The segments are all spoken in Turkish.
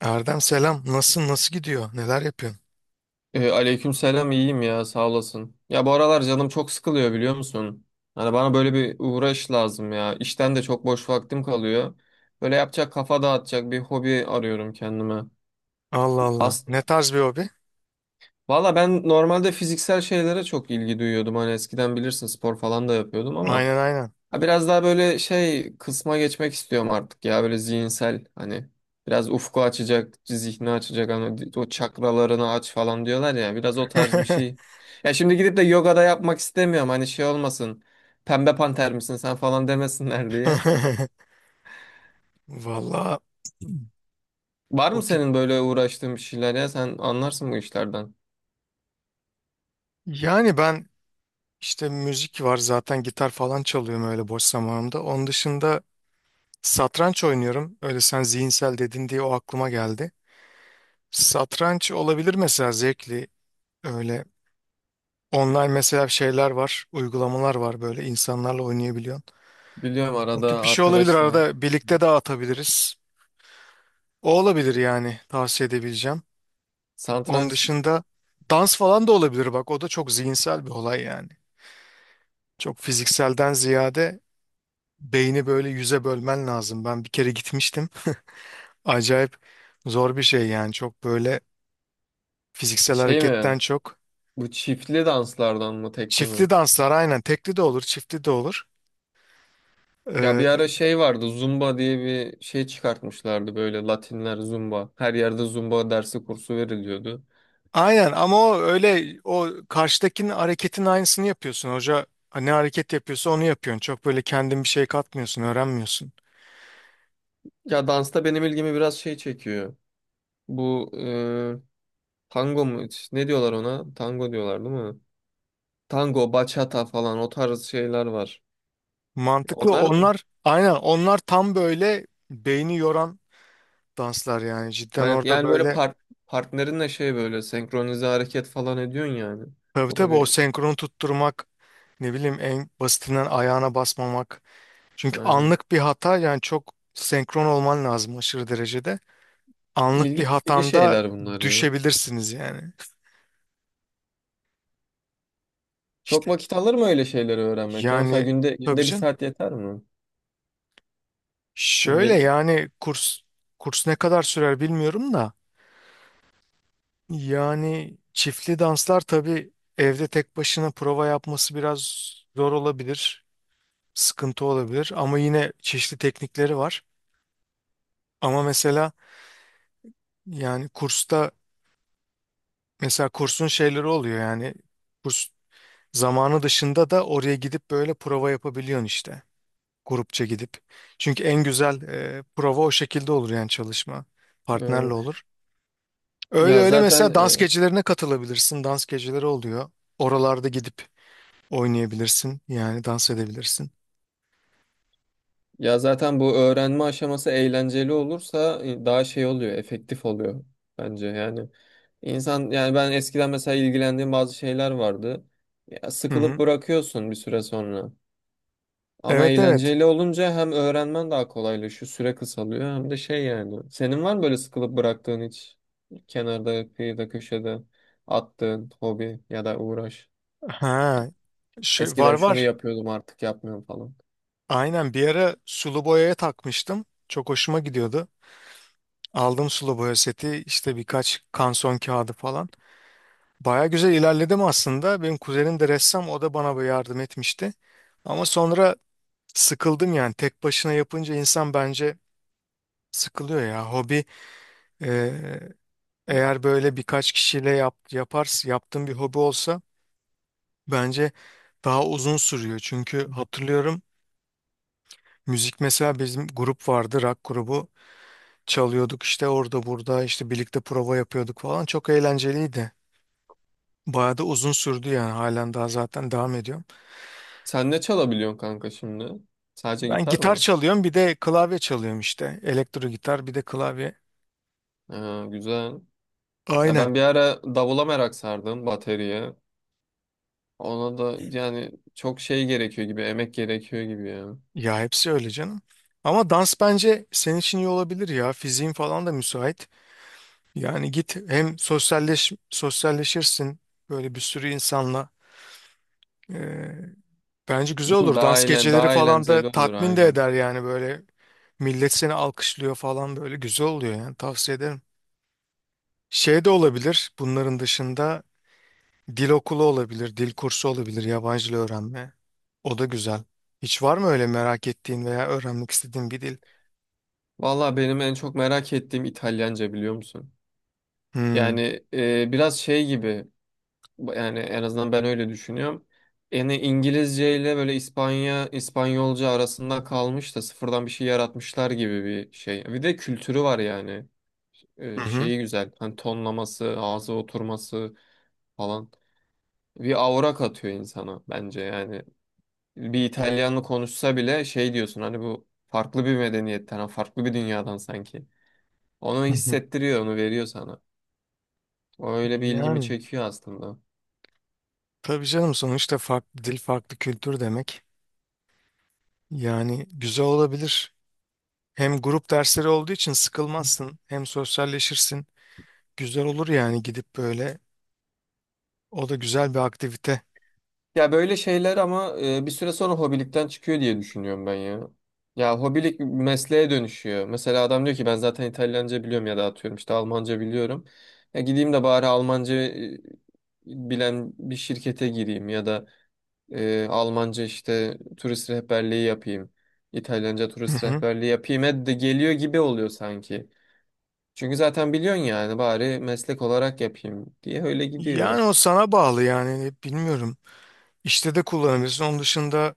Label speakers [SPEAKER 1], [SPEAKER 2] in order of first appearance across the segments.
[SPEAKER 1] Erdem selam. Nasılsın? Nasıl gidiyor? Neler yapıyorsun?
[SPEAKER 2] Aleykümselam, iyiyim ya, sağ olasın. Ya bu aralar canım çok sıkılıyor, biliyor musun? Hani bana böyle bir uğraş lazım ya. İşten de çok boş vaktim kalıyor. Böyle yapacak, kafa dağıtacak bir hobi arıyorum kendime.
[SPEAKER 1] Allah Allah.
[SPEAKER 2] As
[SPEAKER 1] Ne tarz bir hobi?
[SPEAKER 2] Valla ben normalde fiziksel şeylere çok ilgi duyuyordum. Hani eskiden bilirsin, spor falan da yapıyordum ama
[SPEAKER 1] Aynen, aynen.
[SPEAKER 2] Ha, biraz daha böyle şey kısma geçmek istiyorum artık ya, böyle zihinsel, hani biraz ufku açacak, zihni açacak, hani o çakralarını aç falan diyorlar ya, biraz o tarz bir şey. Ya şimdi gidip de yoga da yapmak istemiyorum, hani şey olmasın, pembe panter misin sen falan demesinler diye.
[SPEAKER 1] Valla
[SPEAKER 2] Var
[SPEAKER 1] o
[SPEAKER 2] mı
[SPEAKER 1] tip.
[SPEAKER 2] senin böyle uğraştığın bir şeyler? Ya sen anlarsın bu işlerden.
[SPEAKER 1] Yani, ben işte müzik var zaten, gitar falan çalıyorum öyle boş zamanımda. Onun dışında satranç oynuyorum. Öyle, sen zihinsel dedin diye o aklıma geldi. Satranç olabilir mesela, zevkli. Öyle online mesela şeyler var, uygulamalar var, böyle insanlarla oynayabiliyorsun.
[SPEAKER 2] Biliyorum
[SPEAKER 1] O tip
[SPEAKER 2] arada
[SPEAKER 1] bir şey olabilir,
[SPEAKER 2] arkadaşlar
[SPEAKER 1] arada birlikte de atabiliriz. O olabilir yani tavsiye edebileceğim. Onun
[SPEAKER 2] satranç.
[SPEAKER 1] dışında dans falan da olabilir bak, o da çok zihinsel bir olay yani. Çok fizikselden ziyade beyni böyle yüze bölmen lazım. Ben bir kere gitmiştim. Acayip zor bir şey yani, çok böyle fiziksel
[SPEAKER 2] Şey mi,
[SPEAKER 1] hareketten çok.
[SPEAKER 2] bu çiftli danslardan mı, tekli mi?
[SPEAKER 1] Çiftli danslar, aynen, tekli de olur çiftli de olur.
[SPEAKER 2] Ya bir
[SPEAKER 1] Ee,
[SPEAKER 2] ara şey vardı, Zumba diye bir şey çıkartmışlardı, böyle Latinler Zumba. Her yerde Zumba dersi, kursu veriliyordu.
[SPEAKER 1] aynen ama o öyle, o karşıdakinin hareketin aynısını yapıyorsun. Hoca ne hareket yapıyorsa onu yapıyorsun. Çok böyle kendin bir şey katmıyorsun, öğrenmiyorsun.
[SPEAKER 2] Ya dansta benim ilgimi biraz şey çekiyor. Bu tango mu? Ne diyorlar ona? Tango diyorlar, değil mi? Tango, bachata falan, o tarz şeyler var.
[SPEAKER 1] Mantıklı.
[SPEAKER 2] Onlar
[SPEAKER 1] Onlar aynen, onlar tam böyle beyni yoran danslar yani. Cidden
[SPEAKER 2] yani,
[SPEAKER 1] orada
[SPEAKER 2] yani böyle
[SPEAKER 1] böyle,
[SPEAKER 2] partnerinle şey, böyle senkronize hareket falan ediyorsun yani.
[SPEAKER 1] tabii
[SPEAKER 2] O da
[SPEAKER 1] tabii, o
[SPEAKER 2] bir
[SPEAKER 1] senkronu tutturmak, ne bileyim, en basitinden ayağına basmamak. Çünkü
[SPEAKER 2] Aynen.
[SPEAKER 1] anlık bir hata yani, çok senkron olman lazım aşırı derecede. Anlık bir
[SPEAKER 2] İlgi çekici
[SPEAKER 1] hatanda
[SPEAKER 2] şeyler bunlar ya.
[SPEAKER 1] düşebilirsiniz yani.
[SPEAKER 2] Çok
[SPEAKER 1] İşte,
[SPEAKER 2] vakit alır mı öyle şeyleri öğrenmek? Ya mesela
[SPEAKER 1] yani,
[SPEAKER 2] günde
[SPEAKER 1] tabii
[SPEAKER 2] günde bir
[SPEAKER 1] canım.
[SPEAKER 2] saat yeter mi?
[SPEAKER 1] Şöyle
[SPEAKER 2] Günde
[SPEAKER 1] yani, kurs ne kadar sürer bilmiyorum da yani çiftli danslar tabii, evde tek başına prova yapması biraz zor olabilir, sıkıntı olabilir ama yine çeşitli teknikleri var. Ama mesela, yani kursta, mesela kursun şeyleri oluyor yani, kurs zamanı dışında da oraya gidip böyle prova yapabiliyorsun işte, grupça gidip. Çünkü en güzel prova o şekilde olur yani, çalışma
[SPEAKER 2] e,
[SPEAKER 1] partnerle olur. Öyle
[SPEAKER 2] ya
[SPEAKER 1] öyle,
[SPEAKER 2] zaten
[SPEAKER 1] mesela dans
[SPEAKER 2] e,
[SPEAKER 1] gecelerine katılabilirsin. Dans geceleri oluyor. Oralarda gidip oynayabilirsin. Yani dans edebilirsin.
[SPEAKER 2] ya zaten bu öğrenme aşaması eğlenceli olursa daha şey oluyor, efektif oluyor bence. Yani insan, ben eskiden mesela ilgilendiğim bazı şeyler vardı. Ya
[SPEAKER 1] Hı
[SPEAKER 2] sıkılıp
[SPEAKER 1] hı.
[SPEAKER 2] bırakıyorsun bir süre sonra. Ama
[SPEAKER 1] Evet, evet.
[SPEAKER 2] eğlenceli olunca hem öğrenmen daha kolaylaşıyor, süre kısalıyor, hem de şey yani. Senin var mı böyle sıkılıp bıraktığın, hiç kenarda, kıyıda, köşede attığın hobi ya da uğraş?
[SPEAKER 1] Ha, Şey, var
[SPEAKER 2] Eskiden şunu
[SPEAKER 1] var.
[SPEAKER 2] yapıyordum, artık yapmıyorum falan.
[SPEAKER 1] Aynen, bir ara sulu boyaya takmıştım. Çok hoşuma gidiyordu. Aldım sulu boya seti, işte birkaç kanson kağıdı falan. Baya güzel ilerledim aslında. Benim kuzenim de ressam, o da bana böyle yardım etmişti. Ama sonra sıkıldım yani. Tek başına yapınca insan bence sıkılıyor ya. Hobi, eğer böyle birkaç kişiyle yaparsın, yaptığın bir hobi olsa bence daha uzun sürüyor. Çünkü hatırlıyorum, müzik mesela, bizim grup vardı, rock grubu. Çalıyorduk işte orada burada, işte birlikte prova yapıyorduk falan. Çok eğlenceliydi. Bayağı da uzun sürdü yani, halen daha zaten devam ediyorum.
[SPEAKER 2] Sen ne çalabiliyorsun kanka şimdi? Sadece
[SPEAKER 1] Ben
[SPEAKER 2] gitar
[SPEAKER 1] gitar
[SPEAKER 2] mı?
[SPEAKER 1] çalıyorum, bir de klavye çalıyorum işte. Elektro gitar, bir de klavye.
[SPEAKER 2] Ha, güzel. Ya
[SPEAKER 1] Aynen.
[SPEAKER 2] ben bir ara davula merak sardım, bateriye. Ona da yani çok şey gerekiyor gibi, emek gerekiyor gibi ya.
[SPEAKER 1] Ya hepsi öyle canım. Ama dans bence senin için iyi olabilir ya. Fiziğin falan da müsait. Yani git hem sosyalleşirsin böyle bir sürü insanla. Ee, Bence güzel
[SPEAKER 2] Bu
[SPEAKER 1] olur.
[SPEAKER 2] Daha
[SPEAKER 1] Dans
[SPEAKER 2] eğlen,
[SPEAKER 1] geceleri
[SPEAKER 2] daha
[SPEAKER 1] falan da
[SPEAKER 2] eğlenceli olur,
[SPEAKER 1] tatmin de
[SPEAKER 2] aynen.
[SPEAKER 1] eder yani böyle. Millet seni alkışlıyor falan, böyle güzel oluyor yani, tavsiye ederim. Şey de olabilir bunların dışında, dil okulu olabilir, dil kursu olabilir, yabancı dil öğrenme. O da güzel. Hiç var mı öyle merak ettiğin veya öğrenmek istediğin bir dil?
[SPEAKER 2] Valla benim en çok merak ettiğim İtalyanca, biliyor musun?
[SPEAKER 1] Hmm.
[SPEAKER 2] Yani biraz şey gibi, yani en azından ben öyle düşünüyorum. Yani İngilizce ile böyle İspanya, İspanyolca arasında kalmış da sıfırdan bir şey yaratmışlar gibi bir şey. Bir de kültürü var yani.
[SPEAKER 1] Hı hı.
[SPEAKER 2] Şeyi güzel. Hani tonlaması, ağza oturması falan. Bir aura katıyor insana bence yani. Bir İtalyanlı konuşsa bile şey diyorsun, hani bu farklı bir medeniyetten, farklı bir dünyadan sanki. Onu
[SPEAKER 1] Hı hı.
[SPEAKER 2] hissettiriyor, onu veriyor sana. O öyle bir ilgimi
[SPEAKER 1] Yani
[SPEAKER 2] çekiyor aslında.
[SPEAKER 1] tabii canım, sonuçta farklı dil, farklı kültür demek. Yani güzel olabilir. Hem grup dersleri olduğu için sıkılmazsın, hem sosyalleşirsin. Güzel olur yani, gidip böyle. O da güzel bir aktivite.
[SPEAKER 2] Ya böyle şeyler ama bir süre sonra hobilikten çıkıyor diye düşünüyorum ben ya. Ya hobilik mesleğe dönüşüyor. Mesela adam diyor ki, ben zaten İtalyanca biliyorum, ya da atıyorum işte Almanca biliyorum. Ya gideyim de bari Almanca bilen bir şirkete gireyim, ya da Almanca işte turist rehberliği yapayım. İtalyanca
[SPEAKER 1] Hı
[SPEAKER 2] turist
[SPEAKER 1] hı.
[SPEAKER 2] rehberliği yapayım. E de geliyor gibi oluyor sanki. Çünkü zaten biliyorsun yani, bari meslek olarak yapayım diye öyle gidiyor.
[SPEAKER 1] Yani o sana bağlı yani, bilmiyorum. İşte de kullanabilirsin. Onun dışında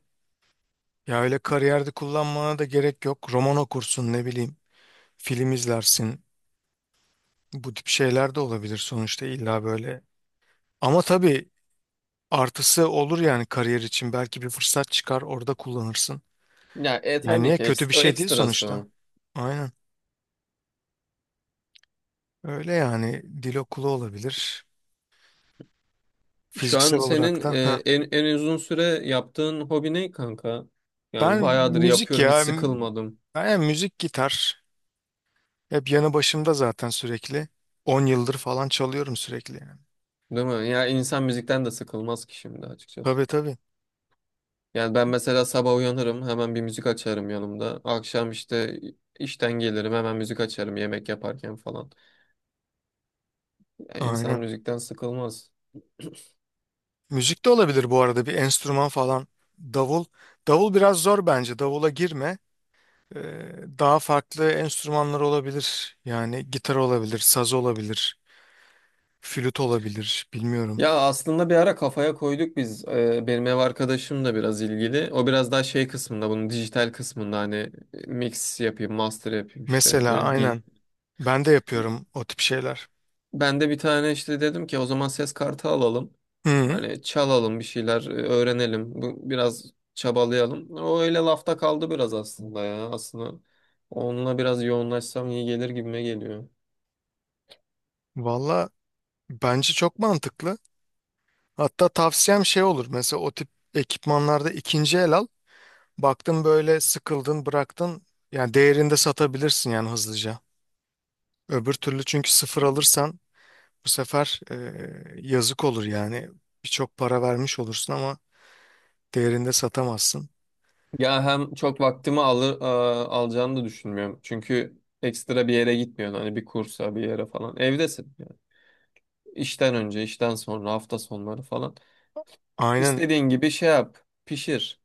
[SPEAKER 1] ya öyle kariyerde kullanmana da gerek yok. Roman okursun, ne bileyim. Film izlersin. Bu tip şeyler de olabilir sonuçta, illa böyle. Ama tabii artısı olur yani kariyer için. Belki bir fırsat çıkar, orada kullanırsın.
[SPEAKER 2] Ya
[SPEAKER 1] Yani
[SPEAKER 2] tabii
[SPEAKER 1] niye,
[SPEAKER 2] ki
[SPEAKER 1] kötü
[SPEAKER 2] eks-,
[SPEAKER 1] bir
[SPEAKER 2] o
[SPEAKER 1] şey değil
[SPEAKER 2] ekstrası.
[SPEAKER 1] sonuçta. Aynen. Öyle yani, dil okulu olabilir.
[SPEAKER 2] Şu an
[SPEAKER 1] Fiziksel
[SPEAKER 2] senin
[SPEAKER 1] olarak da. Heh.
[SPEAKER 2] en uzun süre yaptığın hobi ne kanka? Yani
[SPEAKER 1] Ben
[SPEAKER 2] bayağıdır
[SPEAKER 1] müzik
[SPEAKER 2] yapıyorum, hiç
[SPEAKER 1] ya.
[SPEAKER 2] sıkılmadım.
[SPEAKER 1] Ben yani, müzik, gitar. Hep yanı başımda zaten sürekli. 10 yıldır falan çalıyorum sürekli yani.
[SPEAKER 2] Değil mi? Ya insan müzikten de sıkılmaz ki şimdi, açıkçası.
[SPEAKER 1] Tabii tabii.
[SPEAKER 2] Yani ben mesela sabah uyanırım, hemen bir müzik açarım yanımda. Akşam işte işten gelirim, hemen müzik açarım yemek yaparken falan. Yani insan
[SPEAKER 1] Aynen.
[SPEAKER 2] müzikten sıkılmaz.
[SPEAKER 1] Müzik de olabilir bu arada, bir enstrüman falan. Davul. Davul biraz zor bence. Davula girme. Ee, Daha farklı enstrümanlar olabilir. Yani gitar olabilir, saz olabilir, flüt olabilir. Bilmiyorum.
[SPEAKER 2] Ya aslında bir ara kafaya koyduk biz. Benim ev arkadaşım da biraz ilgili. O biraz daha şey kısmında, bunun dijital kısmında, hani mix yapayım, master yapayım, işte
[SPEAKER 1] Mesela
[SPEAKER 2] böyle
[SPEAKER 1] aynen. Ben de yapıyorum o tip şeyler.
[SPEAKER 2] ben de bir tane işte dedim ki, o zaman ses kartı alalım.
[SPEAKER 1] Hı.
[SPEAKER 2] Hani çalalım bir şeyler, öğrenelim. Bu biraz çabalayalım. O öyle lafta kaldı biraz aslında ya. Aslında onunla biraz yoğunlaşsam iyi gelir gibime geliyor.
[SPEAKER 1] Valla bence çok mantıklı. Hatta tavsiyem şey olur. Mesela o tip ekipmanlarda ikinci el al. Baktın böyle, sıkıldın, bıraktın. Yani değerinde satabilirsin yani hızlıca. Öbür türlü, çünkü sıfır alırsan bu sefer yazık olur yani. Birçok para vermiş olursun ama değerinde satamazsın.
[SPEAKER 2] Ya hem çok vaktimi alır, alacağını da düşünmüyorum. Çünkü ekstra bir yere gitmiyorsun, hani bir kursa, bir yere falan. Evdesin. Yani, İşten önce, işten sonra, hafta sonları falan.
[SPEAKER 1] Aynen,
[SPEAKER 2] İstediğin gibi şey yap, pişir.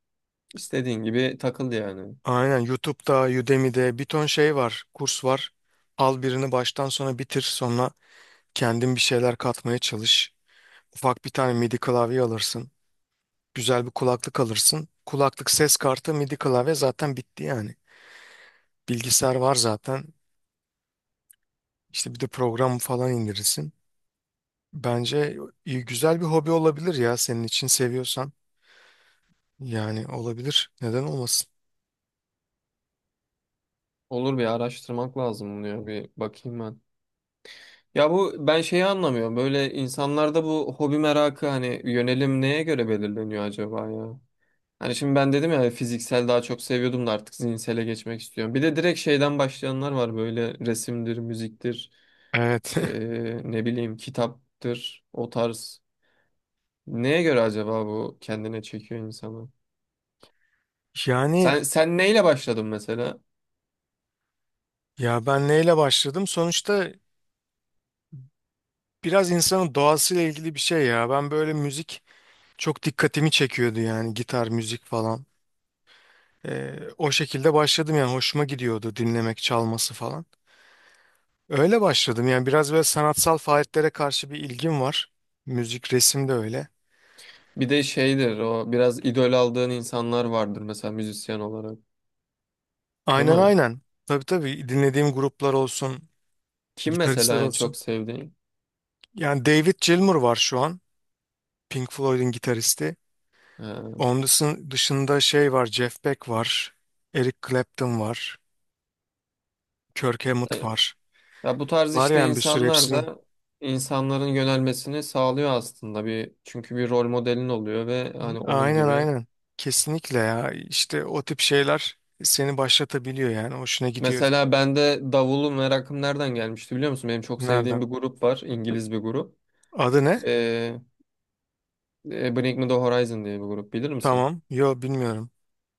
[SPEAKER 2] İstediğin gibi takıl yani.
[SPEAKER 1] aynen YouTube'da, Udemy'de bir ton şey var, kurs var. Al birini baştan sona bitir, sonra kendin bir şeyler katmaya çalış. Ufak bir tane MIDI klavye alırsın. Güzel bir kulaklık alırsın. Kulaklık, ses kartı, MIDI klavye zaten bitti yani. Bilgisayar var zaten. İşte bir de program falan indirirsin. Bence iyi, güzel bir hobi olabilir ya, senin için, seviyorsan. Yani olabilir. Neden olmasın?
[SPEAKER 2] Olur, bir araştırmak lazım bunu, ya bir bakayım ben. Ya bu ben şeyi anlamıyorum. Böyle insanlarda bu hobi merakı, hani yönelim neye göre belirleniyor acaba ya? Hani şimdi ben dedim ya, fiziksel daha çok seviyordum da artık zihinsele geçmek istiyorum. Bir de direkt şeyden başlayanlar var, böyle resimdir, müziktir,
[SPEAKER 1] Evet.
[SPEAKER 2] ne bileyim kitaptır, o tarz. Neye göre acaba bu kendine çekiyor insanı?
[SPEAKER 1] Yani,
[SPEAKER 2] Sen neyle başladın mesela?
[SPEAKER 1] ya ben neyle başladım? Sonuçta biraz insanın doğasıyla ilgili bir şey ya. Ben böyle müzik çok dikkatimi çekiyordu yani, gitar, müzik falan. O şekilde başladım yani, hoşuma gidiyordu dinlemek, çalması falan. Öyle başladım yani, biraz böyle sanatsal faaliyetlere karşı bir ilgim var. Müzik, resim de öyle.
[SPEAKER 2] Bir de şeydir o, biraz idol aldığın insanlar vardır mesela, müzisyen olarak. Değil
[SPEAKER 1] Aynen,
[SPEAKER 2] mi?
[SPEAKER 1] aynen. Tabii tabii, dinlediğim gruplar olsun,
[SPEAKER 2] Kim
[SPEAKER 1] gitaristler
[SPEAKER 2] mesela en
[SPEAKER 1] olsun.
[SPEAKER 2] çok sevdiğin?
[SPEAKER 1] Yani David Gilmour var şu an. Pink Floyd'un gitaristi.
[SPEAKER 2] Ee,
[SPEAKER 1] Dışında şey var, Jeff Beck var, Eric Clapton var, Kirk Hammett var.
[SPEAKER 2] ya bu tarz
[SPEAKER 1] Var
[SPEAKER 2] işte
[SPEAKER 1] yani, bir sürü
[SPEAKER 2] insanlar
[SPEAKER 1] hepsinin.
[SPEAKER 2] da, insanların yönelmesini sağlıyor aslında, bir çünkü bir rol modelin oluyor ve hani onun
[SPEAKER 1] Aynen,
[SPEAKER 2] gibi.
[SPEAKER 1] aynen. Kesinlikle ya. İşte o tip şeyler seni başlatabiliyor yani. Hoşuna gidiyor.
[SPEAKER 2] Mesela bende davulu merakım nereden gelmişti, biliyor musun? Benim çok sevdiğim
[SPEAKER 1] Nereden?
[SPEAKER 2] bir grup var, İngiliz bir grup.
[SPEAKER 1] Adı ne?
[SPEAKER 2] Ee, Bring Me The Horizon diye bir grup, bilir misin?
[SPEAKER 1] Tamam. Yo, bilmiyorum.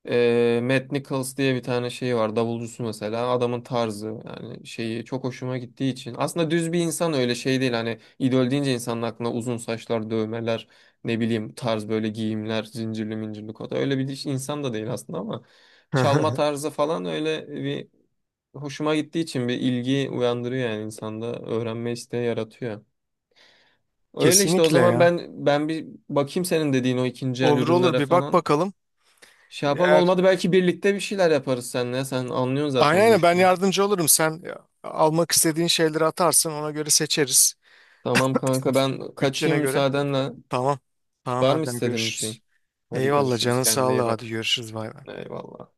[SPEAKER 2] Matt Nichols diye bir tane şeyi var. Davulcusu mesela. Adamın tarzı, yani şeyi çok hoşuma gittiği için. Aslında düz bir insan, öyle şey değil. Hani idol deyince insanın aklına uzun saçlar, dövmeler, ne bileyim tarz, böyle giyimler, zincirli mincirli kota. Öyle bir insan da değil aslında, ama çalma tarzı falan öyle bir hoşuma gittiği için bir ilgi uyandırıyor yani insanda, öğrenme isteği yaratıyor. Öyle işte, o
[SPEAKER 1] Kesinlikle
[SPEAKER 2] zaman
[SPEAKER 1] ya.
[SPEAKER 2] ben bir bakayım senin dediğin o ikinci el
[SPEAKER 1] Olur olur,
[SPEAKER 2] ürünlere
[SPEAKER 1] bir bak
[SPEAKER 2] falan.
[SPEAKER 1] bakalım.
[SPEAKER 2] Şey yapalım,
[SPEAKER 1] Eğer,
[SPEAKER 2] olmadı belki birlikte bir şeyler yaparız seninle. Sen anlıyorsun
[SPEAKER 1] aynen
[SPEAKER 2] zaten bu
[SPEAKER 1] aynen, ben
[SPEAKER 2] işleri.
[SPEAKER 1] yardımcı olurum. Sen almak istediğin şeyleri atarsın. Ona göre seçeriz.
[SPEAKER 2] Tamam kanka, ben
[SPEAKER 1] Bütçene
[SPEAKER 2] kaçayım
[SPEAKER 1] göre.
[SPEAKER 2] müsaadenle.
[SPEAKER 1] Tamam. Tamam
[SPEAKER 2] Var mı
[SPEAKER 1] Erdem,
[SPEAKER 2] istediğin bir şey?
[SPEAKER 1] görüşürüz.
[SPEAKER 2] Hadi
[SPEAKER 1] Eyvallah,
[SPEAKER 2] görüşürüz,
[SPEAKER 1] canın
[SPEAKER 2] kendine
[SPEAKER 1] sağlığı,
[SPEAKER 2] iyi
[SPEAKER 1] hadi
[SPEAKER 2] bak.
[SPEAKER 1] görüşürüz, bay bay.
[SPEAKER 2] Eyvallah.